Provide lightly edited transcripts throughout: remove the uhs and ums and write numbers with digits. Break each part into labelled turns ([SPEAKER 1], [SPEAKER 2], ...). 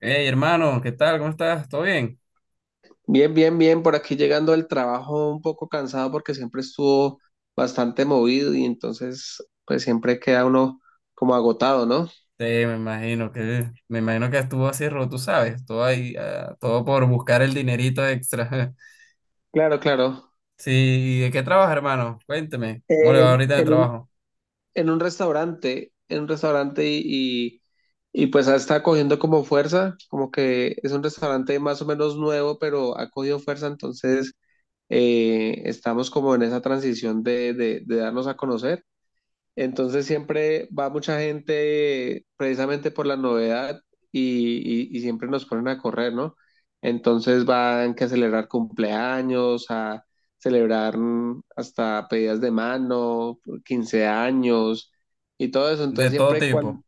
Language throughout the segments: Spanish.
[SPEAKER 1] Hey, hermano, ¿qué tal? ¿Cómo estás? ¿Todo bien?
[SPEAKER 2] Bien, bien, bien, por aquí llegando al trabajo un poco cansado porque siempre estuvo bastante movido y entonces pues siempre queda uno como agotado, ¿no?
[SPEAKER 1] Sí, me imagino que estuvo así, tú sabes, todo ahí, todo por buscar el dinerito extra.
[SPEAKER 2] Claro, claro.
[SPEAKER 1] Sí, ¿y de qué trabajas, hermano? Cuénteme. ¿Cómo le va
[SPEAKER 2] En,
[SPEAKER 1] ahorita en el
[SPEAKER 2] en un,
[SPEAKER 1] trabajo?
[SPEAKER 2] en un restaurante y pues está cogiendo como fuerza, como que es un restaurante más o menos nuevo, pero ha cogido fuerza, entonces estamos como en esa transición de darnos a conocer. Entonces siempre va mucha gente precisamente por la novedad y, y siempre nos ponen a correr, ¿no? Entonces van que a celebrar cumpleaños, a celebrar hasta pedidas de mano, 15 años y todo eso.
[SPEAKER 1] De
[SPEAKER 2] Entonces
[SPEAKER 1] todo
[SPEAKER 2] siempre,
[SPEAKER 1] tipo.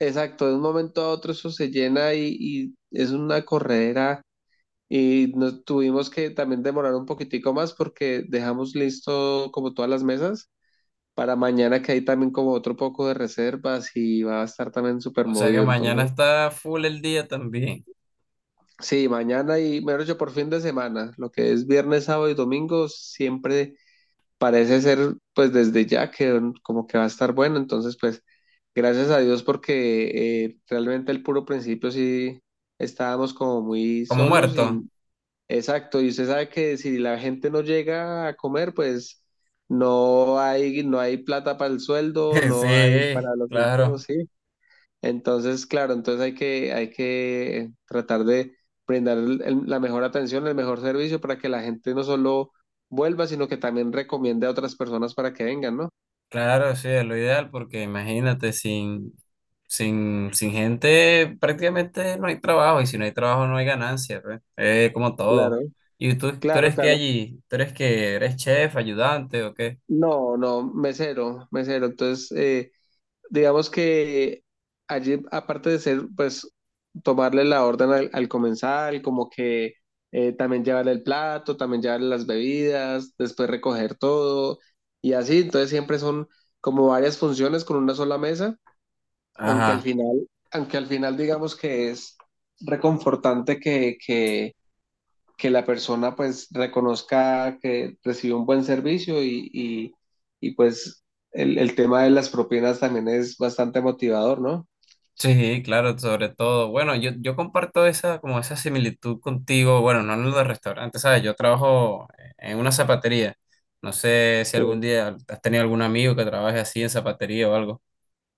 [SPEAKER 2] exacto, de un momento a otro eso se llena y es una corredera. Y nos tuvimos que también demorar un poquitico más porque dejamos listo como todas las mesas para mañana que hay también como otro poco de reservas y va a estar también súper
[SPEAKER 1] O sea que
[SPEAKER 2] movido.
[SPEAKER 1] mañana
[SPEAKER 2] Entonces,
[SPEAKER 1] está full el día también.
[SPEAKER 2] sí, mañana y mejor dicho, por fin de semana, lo que es viernes, sábado y domingo, siempre parece ser pues desde ya que como que va a estar bueno. Entonces, pues gracias a Dios porque realmente el puro principio sí estábamos como muy
[SPEAKER 1] Como
[SPEAKER 2] solos
[SPEAKER 1] muerto.
[SPEAKER 2] y exacto, y usted sabe que si la gente no llega a comer, pues... No hay, no hay plata para el sueldo, no hay
[SPEAKER 1] Sí,
[SPEAKER 2] para los insumos,
[SPEAKER 1] claro.
[SPEAKER 2] sí. Entonces, claro, entonces hay que tratar de brindar la mejor atención, el mejor servicio para que la gente no solo vuelva, sino que también recomiende a otras personas para que vengan, ¿no?
[SPEAKER 1] Claro, sí, es lo ideal porque imagínate, sin gente prácticamente no hay trabajo y si no hay trabajo no hay ganancia, pues. Es como todo.
[SPEAKER 2] Claro,
[SPEAKER 1] ¿Y tú
[SPEAKER 2] claro,
[SPEAKER 1] eres qué
[SPEAKER 2] claro.
[SPEAKER 1] allí? ¿Tú eres que eres chef, ayudante o qué?
[SPEAKER 2] No, no, mesero, mesero. Entonces, digamos que allí, aparte de ser, pues, tomarle la orden al comensal, como que también llevarle el plato, también llevarle las bebidas, después recoger todo y así. Entonces siempre son como varias funciones con una sola mesa,
[SPEAKER 1] Ajá.
[SPEAKER 2] aunque al final digamos que es reconfortante que que la persona pues reconozca que recibió un buen servicio y pues tema de las propinas también es bastante motivador, ¿no?
[SPEAKER 1] Sí, claro, sobre todo. Bueno, yo comparto esa, como esa similitud contigo, bueno, no en los restaurantes, ¿sabes? Yo trabajo en una zapatería. No sé si algún
[SPEAKER 2] Sí,
[SPEAKER 1] día has tenido algún amigo que trabaje así en zapatería o algo.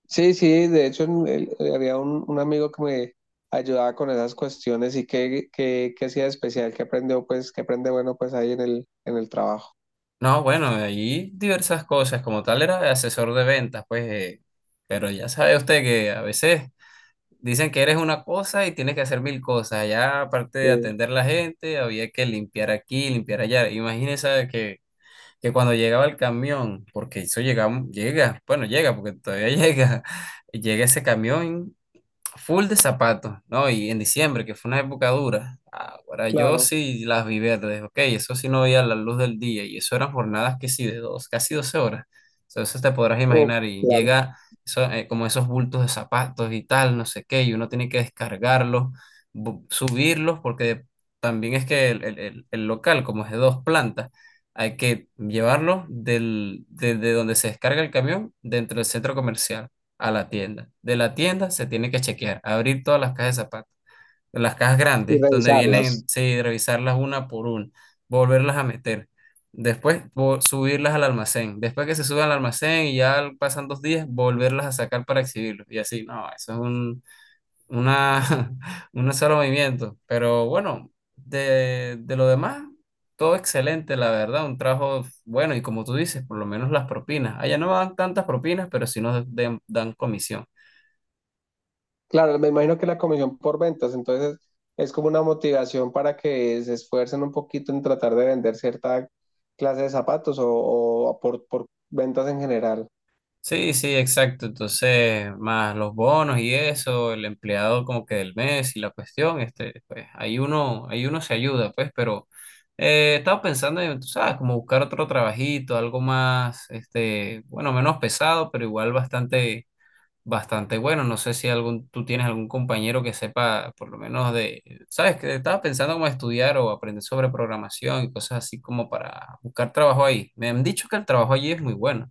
[SPEAKER 2] sí, sí de hecho en había un amigo que me ayudaba con esas cuestiones y que hacía de especial, que aprendió pues, que aprende bueno pues ahí en en el trabajo.
[SPEAKER 1] No, bueno, ahí diversas cosas. Como tal, era asesor de ventas, pues. Pero ya sabe usted que a veces dicen que eres una cosa y tienes que hacer mil cosas. Ya, aparte de
[SPEAKER 2] Sí,
[SPEAKER 1] atender la gente, había que limpiar aquí, limpiar allá. Imagínese que, cuando llegaba el camión, porque eso llega, llega, bueno, llega, porque todavía llega, llega ese camión full de zapatos, ¿no? Y en diciembre, que fue una época dura. Ahora yo
[SPEAKER 2] claro.
[SPEAKER 1] sí las vi verdes, ok, eso sí no veía la luz del día y eso eran jornadas que sí de dos, casi 12 horas. Entonces te podrás
[SPEAKER 2] Oh,
[SPEAKER 1] imaginar y
[SPEAKER 2] claro.
[SPEAKER 1] llega eso, como esos bultos de zapatos y tal, no sé qué, y uno tiene que descargarlos, subirlos, porque también es que el local, como es de 2 plantas, hay que llevarlo desde donde se descarga el camión dentro del centro comercial a la tienda. De la tienda se tiene que chequear, abrir todas las cajas de zapatos, las cajas
[SPEAKER 2] Y
[SPEAKER 1] grandes, donde vienen,
[SPEAKER 2] revisarlas.
[SPEAKER 1] sí, revisarlas una por una, volverlas a meter. Después subirlas al almacén. Después que se suben al almacén y ya pasan 2 días, volverlas a sacar para exhibirlos. Y así, no, eso es una, un solo movimiento. Pero bueno, de lo demás, todo excelente, la verdad. Un trabajo bueno y como tú dices, por lo menos las propinas. Allá no dan tantas propinas, pero sí nos dan comisión.
[SPEAKER 2] Claro, me imagino que la comisión por ventas, entonces es como una motivación para que se esfuercen un poquito en tratar de vender cierta clase de zapatos o por ventas en general.
[SPEAKER 1] Sí, sí, exacto. Entonces, más los bonos y eso, el empleado como que del mes y la cuestión, este, pues ahí uno se ayuda, pues, pero estaba pensando en, tú sabes, como buscar otro trabajito, algo más, este, bueno, menos pesado, pero igual bastante, bastante bueno. No sé si algún, tú tienes algún compañero que sepa, por lo menos de, sabes, que estaba pensando como estudiar o aprender sobre programación y cosas así como para buscar trabajo ahí. Me han dicho que el trabajo allí es muy bueno.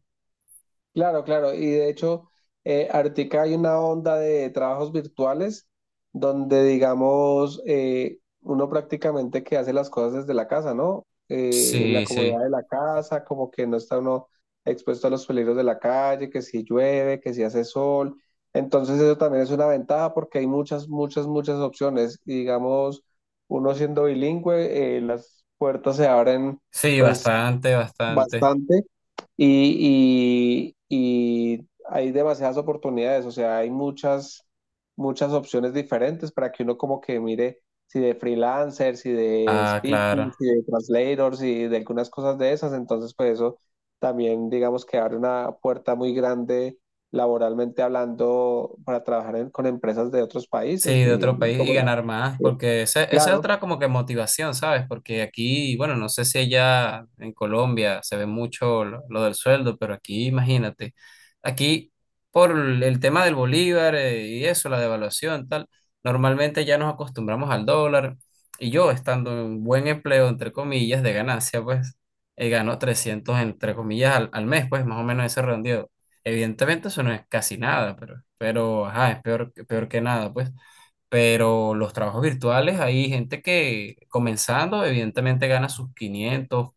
[SPEAKER 2] Claro, claro. Y de hecho, ahorita hay una onda de trabajos virtuales donde, digamos, uno prácticamente que hace las cosas desde la casa, ¿no? En la
[SPEAKER 1] Sí,
[SPEAKER 2] comodidad
[SPEAKER 1] sí.
[SPEAKER 2] de la casa, como que no está uno expuesto a los peligros de la calle, que si llueve, que si hace sol. Entonces eso también es una ventaja porque hay muchas, muchas, muchas opciones. Y digamos, uno siendo bilingüe, las puertas se abren
[SPEAKER 1] Sí,
[SPEAKER 2] pues
[SPEAKER 1] bastante, bastante.
[SPEAKER 2] bastante y hay demasiadas oportunidades, o sea, hay muchas, muchas opciones diferentes para que uno como que mire si de freelancer, si de
[SPEAKER 1] Ah,
[SPEAKER 2] speaking,
[SPEAKER 1] claro.
[SPEAKER 2] si de translator, si de algunas cosas de esas, entonces pues eso también digamos que abre una puerta muy grande laboralmente hablando para trabajar con empresas de otros
[SPEAKER 1] Sí,
[SPEAKER 2] países,
[SPEAKER 1] de otro
[SPEAKER 2] ¿sí?
[SPEAKER 1] país y
[SPEAKER 2] Como-
[SPEAKER 1] ganar más,
[SPEAKER 2] eh,
[SPEAKER 1] porque esa es
[SPEAKER 2] claro,
[SPEAKER 1] otra como que motivación, ¿sabes? Porque aquí, bueno, no sé si allá en Colombia se ve mucho lo del sueldo, pero aquí, imagínate, aquí por el tema del bolívar y eso, la devaluación, tal, normalmente ya nos acostumbramos al dólar y yo estando en un buen empleo, entre comillas, de ganancia, pues gano 300 entre comillas, al mes, pues más o menos ese redondeo. Evidentemente eso no es casi nada, pero, ajá, es peor, peor que nada, pues. Pero los trabajos virtuales, hay gente que comenzando, evidentemente gana sus 500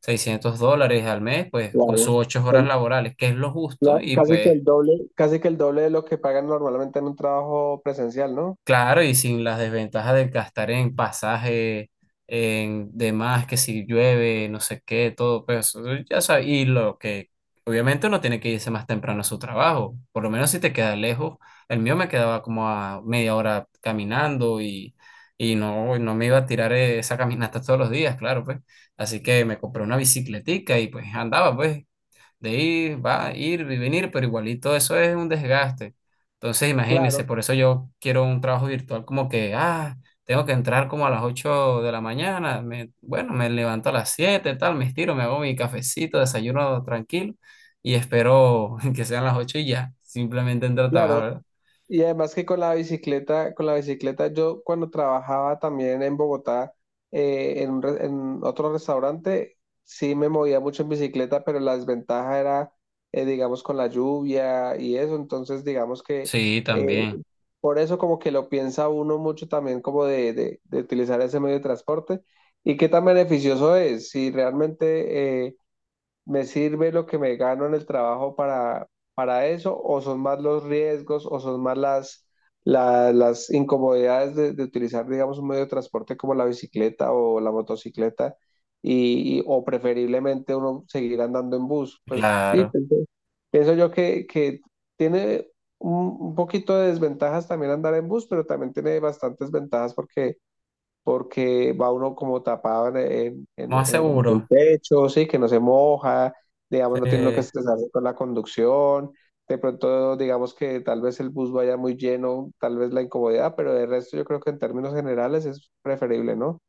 [SPEAKER 1] 600 dólares al mes, pues con
[SPEAKER 2] claro.
[SPEAKER 1] sus 8 horas
[SPEAKER 2] El-
[SPEAKER 1] laborales, que es lo justo, y
[SPEAKER 2] Casi que
[SPEAKER 1] pues
[SPEAKER 2] el doble, casi que el doble de lo que pagan normalmente en un trabajo presencial, ¿no?
[SPEAKER 1] claro, y sin las desventajas de gastar en pasaje, en demás, que si llueve, no sé qué, todo, pues eso, ya sabes, y lo que obviamente uno tiene que irse más temprano a su trabajo, por lo menos si te queda lejos, el mío me quedaba como a media hora caminando y no, no me iba a tirar esa caminata todos los días, claro, pues, así que me compré una bicicletica y pues andaba, pues, de ir, va, ir y venir, pero igualito eso es un desgaste. Entonces, imagínense,
[SPEAKER 2] Claro,
[SPEAKER 1] por eso yo quiero un trabajo virtual como que, tengo que entrar como a las 8 de la mañana, me levanto a las 7 tal, me estiro, me hago mi cafecito, desayuno tranquilo y espero que sean las 8 y ya, simplemente entro a trabajar,
[SPEAKER 2] claro.
[SPEAKER 1] ¿verdad?
[SPEAKER 2] Y además que con la bicicleta, yo cuando trabajaba también en Bogotá, un en otro restaurante, sí me movía mucho en bicicleta, pero la desventaja era, digamos, con la lluvia y eso. Entonces, digamos que
[SPEAKER 1] Sí,
[SPEAKER 2] eh,
[SPEAKER 1] también,
[SPEAKER 2] por eso como que lo piensa uno mucho también como de utilizar ese medio de transporte y qué tan beneficioso es. Si realmente... ¿me sirve lo que me gano en el trabajo para eso? ¿O son más los riesgos o son más las incomodidades de utilizar, digamos, un medio de transporte como la bicicleta o la motocicleta? O preferiblemente uno seguir andando en bus. Pues sí,
[SPEAKER 1] claro,
[SPEAKER 2] pienso, pienso yo que tiene un poquito de desventajas también andar en bus, pero también tiene bastantes ventajas porque porque va uno como tapado
[SPEAKER 1] más
[SPEAKER 2] en el
[SPEAKER 1] seguro.
[SPEAKER 2] pecho, sí, que no se moja, digamos,
[SPEAKER 1] Sí.
[SPEAKER 2] no tiene uno que estresarse con la conducción, de pronto digamos que tal vez el bus vaya muy lleno, tal vez la incomodidad, pero de resto yo creo que en términos generales es preferible, ¿no?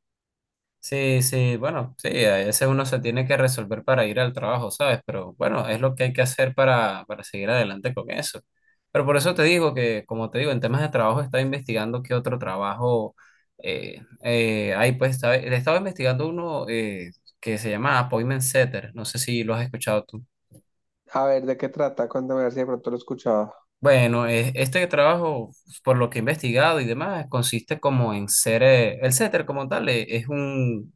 [SPEAKER 1] Sí, sí, bueno, sí, a veces uno se tiene que resolver para ir al trabajo, ¿sabes? Pero bueno, es lo que hay que hacer para seguir adelante con eso. Pero por eso te digo que, como te digo, en temas de trabajo estaba investigando qué otro trabajo hay, pues estaba investigando uno que se llama Appointment Setter, no sé si lo has escuchado tú.
[SPEAKER 2] A ver, ¿de qué trata? Cuéntame a ver si de pronto lo escuchaba.
[SPEAKER 1] Bueno, este trabajo, por lo que he investigado y demás, consiste como en ser, el setter como tal, es un,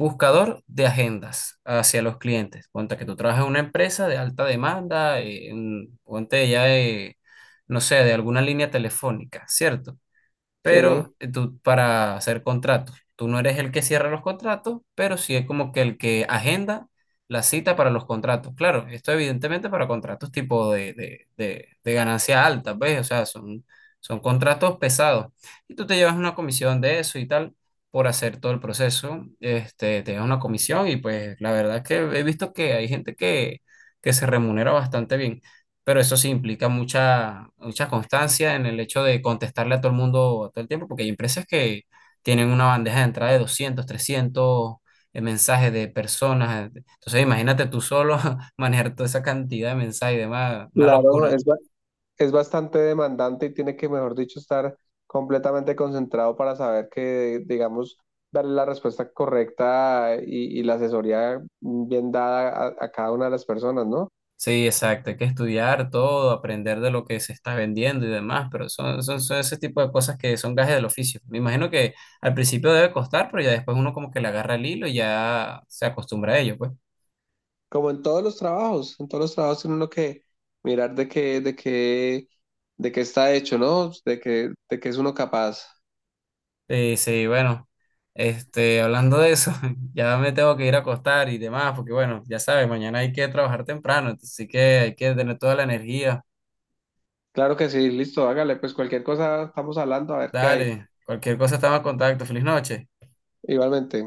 [SPEAKER 1] buscador de agendas hacia los clientes. Ponte que tú trabajas en una empresa de alta demanda, ponte ya, no sé, de alguna línea telefónica, ¿cierto? Pero
[SPEAKER 2] Sí,
[SPEAKER 1] tú para hacer contratos. Tú no eres el que cierra los contratos, pero sí es como que el que agenda la cita para los contratos. Claro, esto evidentemente para contratos tipo de ganancia alta, ¿ves? O sea, son, contratos pesados. Y tú te llevas una comisión de eso y tal por hacer todo el proceso. Este, te llevas una comisión y pues la verdad es que he visto que hay gente que se remunera bastante bien, pero eso sí implica mucha, mucha constancia en el hecho de contestarle a todo el mundo todo el tiempo, porque hay empresas que tienen una bandeja de entrada de 200, 300 mensajes de personas. Entonces, imagínate tú solo manejar toda esa cantidad de mensajes y demás, una
[SPEAKER 2] claro,
[SPEAKER 1] locura.
[SPEAKER 2] es bastante demandante y tiene que, mejor dicho, estar completamente concentrado para saber que, digamos, darle la respuesta correcta y la asesoría bien dada a, cada una de las personas, ¿no?
[SPEAKER 1] Sí, exacto, hay que estudiar todo, aprender de lo que se está vendiendo y demás, pero son ese tipo de cosas que son gajes del oficio. Me imagino que al principio debe costar, pero ya después uno como que le agarra el hilo y ya se acostumbra a ello, pues.
[SPEAKER 2] Como en todos los trabajos, en todos los trabajos tiene uno que mirar de qué, de qué, de qué está hecho, ¿no? De qué es uno capaz.
[SPEAKER 1] Sí, sí, bueno, este, hablando de eso, ya me tengo que ir a acostar y demás, porque bueno, ya sabes, mañana hay que trabajar temprano, así que hay que tener toda la energía.
[SPEAKER 2] Claro que sí, listo, hágale, pues cualquier cosa estamos hablando, a ver qué hay.
[SPEAKER 1] Dale, cualquier cosa estamos en contacto. Feliz noche.
[SPEAKER 2] Igualmente.